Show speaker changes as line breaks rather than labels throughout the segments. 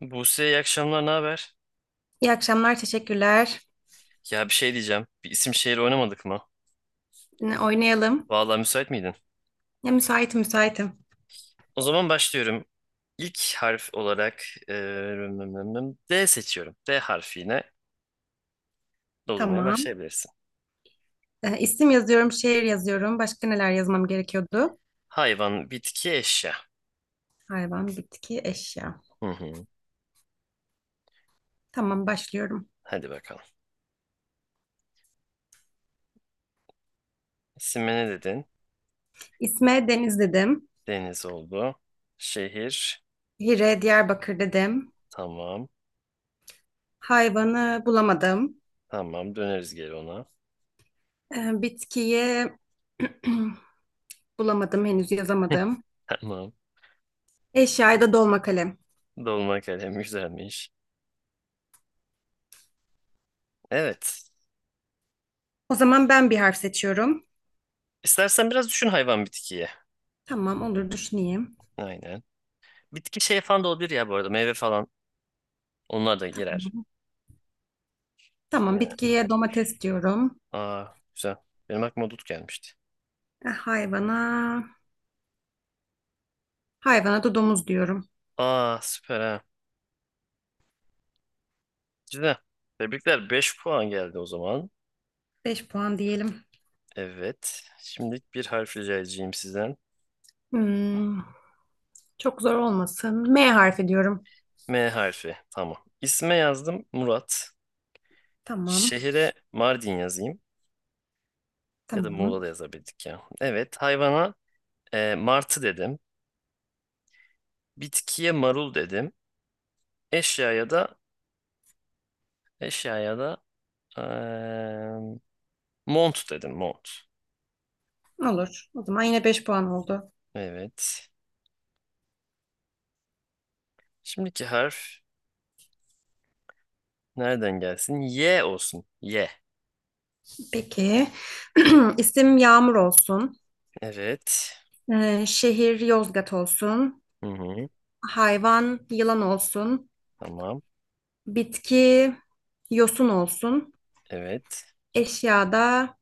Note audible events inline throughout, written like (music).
Buse iyi akşamlar, ne haber?
İyi akşamlar, teşekkürler.
Ya bir şey diyeceğim. Bir isim şehir oynamadık mı?
Yine oynayalım.
Vallahi müsait miydin?
Ya müsaitim, müsaitim.
O zaman başlıyorum. İlk harf olarak eee, D seçiyorum. D harfiyle doldurmaya
Tamam.
başlayabilirsin.
İsim yazıyorum, şehir yazıyorum. Başka neler yazmam gerekiyordu?
Hayvan, bitki, eşya.
Hayvan, bitki, eşya.
Hı hı.
Tamam, başlıyorum.
Hadi bakalım. İsmi ne dedin?
İsme Deniz dedim.
Deniz oldu. Şehir.
Hire, Diyarbakır dedim.
Tamam.
Hayvanı bulamadım.
Tamam. Döneriz geri ona. (laughs)
Bitkiyi (clears throat) bulamadım, henüz yazamadım.
Tamam.
Eşyayı da dolma kalem.
Dolma kalem güzelmiş. Evet.
O zaman ben bir harf seçiyorum.
İstersen biraz düşün hayvan bitkiye.
Tamam, olur düşüneyim.
Aynen. Bitki şey falan da olabilir ya bu arada. Meyve falan. Onlar da girer.
Tamam,
Yine.
bitkiye domates diyorum.
Aa, güzel. Benim aklıma dut gelmişti.
E, Hayvana Hayvana da domuz diyorum.
Aa, süper ha. Güzel. Tebrikler. 5 puan geldi o zaman.
5 puan diyelim.
Evet. Şimdi bir harf rica edeceğim sizden.
Hmm, çok zor olmasın. M harfi diyorum.
M harfi. Tamam. İsme yazdım Murat.
Tamam,
Şehire Mardin yazayım. Ya da Muğla
tamam.
da yazabildik ya. Evet. Hayvana martı dedim. Bitkiye marul dedim. Eşyaya da eşyaya da e, mont dedim. Mont.
Olur. O zaman yine beş puan oldu.
Evet. Şimdiki harf nereden gelsin? Y olsun. Y.
Peki. (clears throat) İsim Yağmur olsun.
Evet.
Şehir Yozgat olsun.
Hı hı.
Hayvan yılan olsun.
Tamam.
Bitki yosun olsun.
Evet.
Eşyada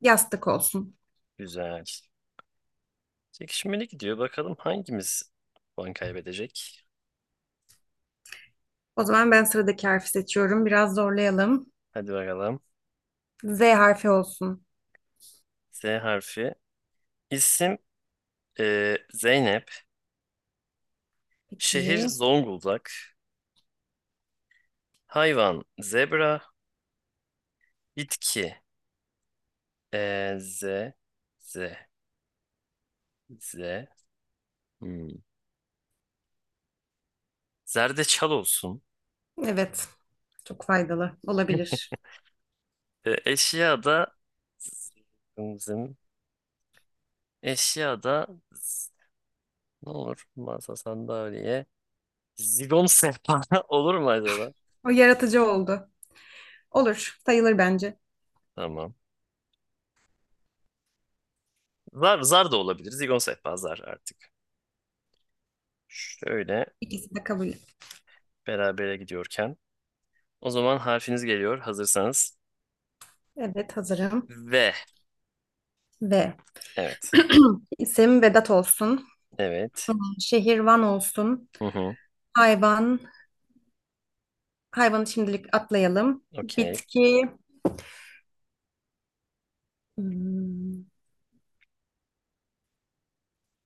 yastık olsun.
Güzel. Çekişmeli gidiyor. Bakalım hangimiz puan kaybedecek?
O zaman ben sıradaki harfi seçiyorum. Biraz zorlayalım.
Hadi bakalım.
Z harfi olsun.
Z harfi. İsim Zeynep. Şehir
Peki.
Zonguldak. Hayvan zebra. Bitki Z. Z. Z. Hmm. Zerdeçal olsun.
Evet. Çok faydalı olabilir.
Eşya da zım, zım. Eşya da z- ne olur? Masa, sandalye, zigon sehpa (laughs) olur mu acaba?
O yaratıcı oldu. Olur, sayılır bence.
Tamam. Zar, zar da olabilir. Zigon sehpa zar artık. Şöyle
İkisi de kabul.
berabere gidiyorken. O zaman harfiniz geliyor. Hazırsanız.
Evet, hazırım.
V.
Ve
Evet.
isim Vedat olsun.
Evet.
Şehir Van olsun.
Hı hı.
Hayvan, hayvanı şimdilik atlayalım.
Okey.
Hmm,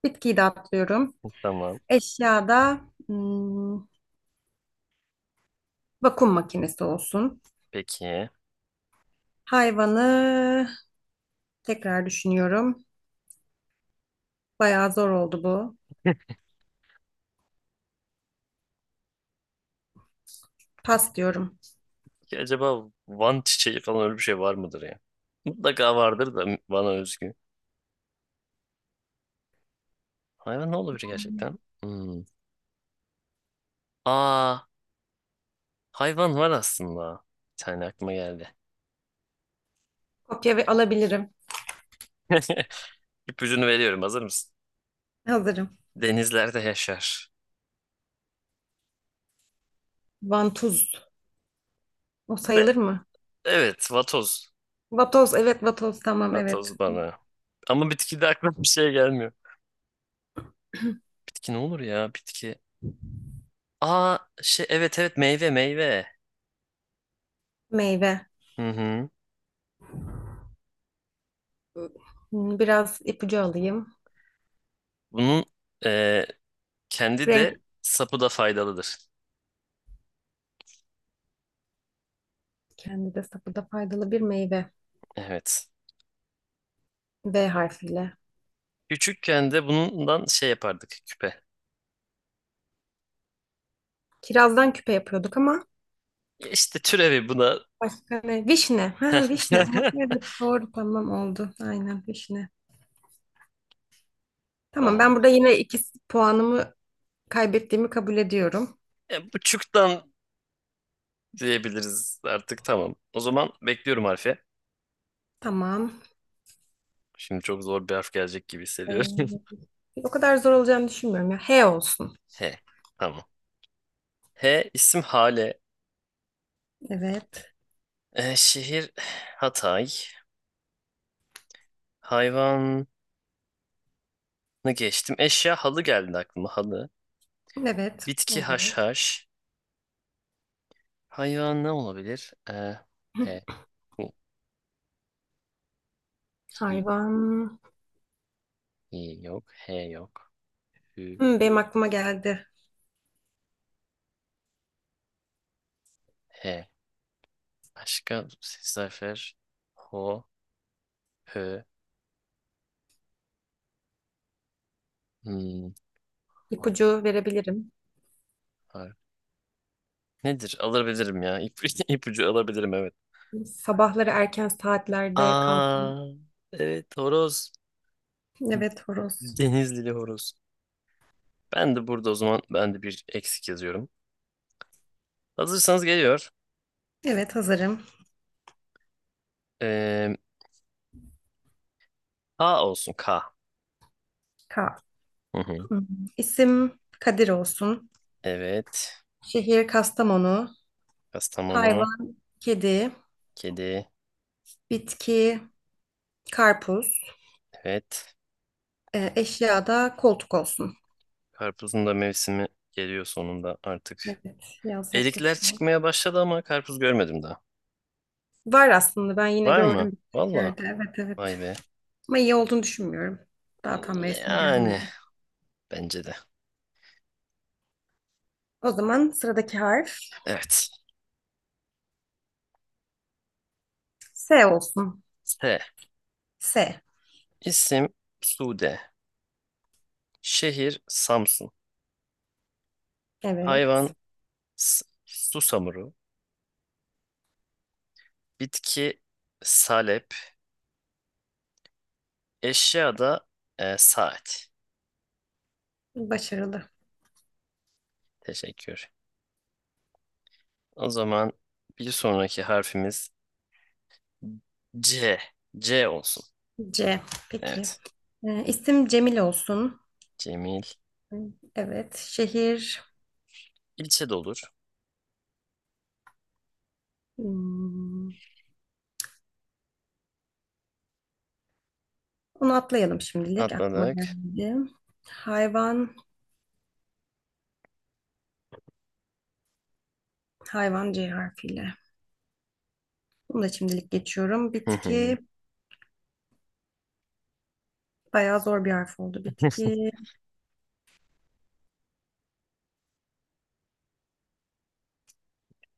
bitkiyi de atlıyorum.
Tamam.
Eşyada hmm, vakum makinesi olsun.
Peki.
Hayvanı tekrar düşünüyorum. Bayağı zor oldu bu. Pas diyorum.
Ki acaba Van çiçeği falan öyle bir şey var mıdır ya? Mutlaka vardır da bana özgü. Hayvan ne olabilir gerçekten? Hmm. Aa. Hayvan var aslında. Bir tane aklıma geldi.
Kopya ve alabilirim.
(laughs) İpucunu veriyorum. Hazır mısın?
Hazırım.
Denizlerde yaşar.
Vantuz, o
De-
sayılır mı?
evet, vatoz.
Vatoz, evet vatoz, tamam evet.
Vatoz bana. Ama bitki de aklıma bir şey gelmiyor. Bitki ne olur ya? Bitki. Aa, şey, evet evet, meyve meyve.
Meyve.
Hı hı.
Hmm, biraz ipucu alayım.
Bunun e, kendi de
Renk
sapı da faydalıdır.
kendi de sapı da faydalı bir meyve.
Evet.
V harfiyle.
Küçükken de bundan şey yapardık küpe.
Kirazdan küpe yapıyorduk ama
İşte türevi buna.
başka ne? Vişne. Ha vişne. Ama
(laughs)
evet doğru tamam oldu. Aynen vişne. Tamam, ben
Tamam.
burada yine iki puanımı kaybettiğimi kabul ediyorum.
Bu çuktan diyebiliriz artık tamam. O zaman bekliyorum harfi.
Tamam.
Şimdi çok zor bir harf gelecek gibi hissediyorum.
Ee, O kadar zor olacağını düşünmüyorum ya. H olsun.
(laughs) H. Tamam. H isim Hale.
Evet.
Şehir Hatay. Hayvanı geçtim. Eşya halı geldi aklıma halı.
Evet.
Bitki
Olur.
haşhaş. Hayvan ne olabilir? P.
(laughs)
Hu. Hi.
Hayvan.
Hi yok. H yok. Hü.
Hmm, benim aklıma geldi.
H. Başka ses harfler. Ho. Hö. Hmm. ha,
İpucu verebilirim.
har- Nedir? Alabilirim ya. (laughs) İpucu alabilirim evet.
Sabahları erken saatlerde kalkın.
Aa, evet horoz.
Evet horoz.
Denizlili horoz. Ben de burada o zaman ben de bir eksik yazıyorum. Hazırsanız geliyor.
Evet, hazırım.
Ee, K olsun K.
Ka.
Hı hı.
Hmm. İsim Kadir olsun.
Evet.
Şehir Kastamonu.
Kastamonu.
Hayvan kedi.
Kedi.
Bitki karpuz.
Evet.
Eşya da koltuk olsun.
Karpuzun da mevsimi geliyor sonunda artık.
Evet, yaz
Erikler
yaklaşıyor.
çıkmaya başladı ama karpuz görmedim daha.
Var aslında, ben yine
Var mı?
gördüm birkaç
Valla.
yerde. Evet, evet.
Vay be.
Ama iyi olduğunu düşünmüyorum. Daha tam mevsimi
Yani
gelmedi.
bence de.
O zaman sıradaki harf
Evet.
S olsun.
S.
S.
İsim Sude. Şehir Samsun.
Evet.
Hayvan susamuru, bitki salep, eşya da saat.
Başarılı.
Teşekkür. O zaman bir sonraki harfimiz C. C olsun.
C. Peki.
Evet.
İsim Cemil olsun.
Cemil.
Evet. Şehir.
İlçe de olur.
hmm, onu atlayalım şimdilik. Aklıma
Atladık.
geldi. Hayvan. Hayvan C harfiyle. Bunu da şimdilik geçiyorum.
Hı hı.
Bitki. Bayağı zor bir harf oldu.
(laughs)
Bitki.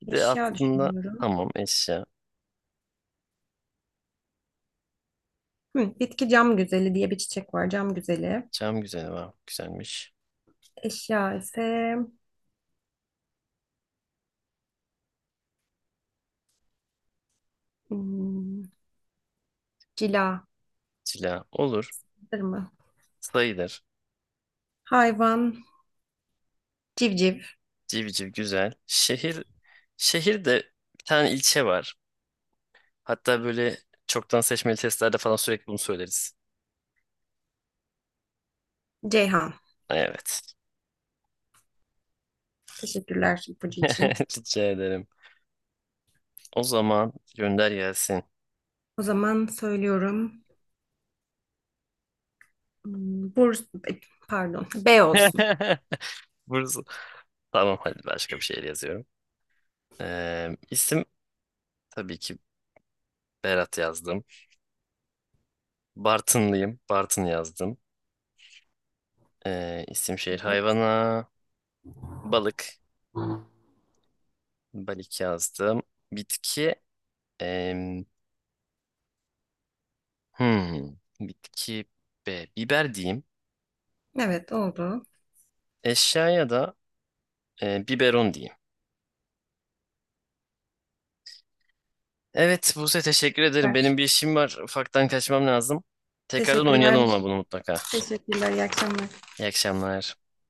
Bir de
Eşya
aslında
düşünüyorum.
tamam eşya.
Hı, bitki cam güzeli diye bir çiçek var. Cam güzeli.
Cam güzeli var. Güzelmiş.
Eşya ise hmm, cila.
Cila olur.
Mı?
Sayılır.
Hayvan. Civciv.
Civciv güzel. Şehir. Şehirde bir tane ilçe var. Hatta böyle çoktan seçmeli testlerde falan sürekli bunu söyleriz.
Ceyhan.
Evet.
Teşekkürler ipucu için.
(laughs) Rica ederim. O zaman gönder gelsin.
O zaman söylüyorum. Hmm, Burs, e, Pardon, B olsun.
(laughs) Burası. Tamam, hadi başka bir şey yazıyorum. İsim tabii ki Berat yazdım. Bartınlıyım. Bartın yazdım. İsim şehir
Evet,
hayvana balık. Balık yazdım. Bitki em, hmm, bitki biber diyeyim.
evet oldu.
Eşyaya da biberon diyeyim. Evet Buse, teşekkür ederim.
Süper.
Benim bir işim var. Ufaktan kaçmam lazım. Tekrardan
Teşekkürler.
oynayalım ama bunu mutlaka.
Teşekkürler. İyi akşamlar.
İyi akşamlar.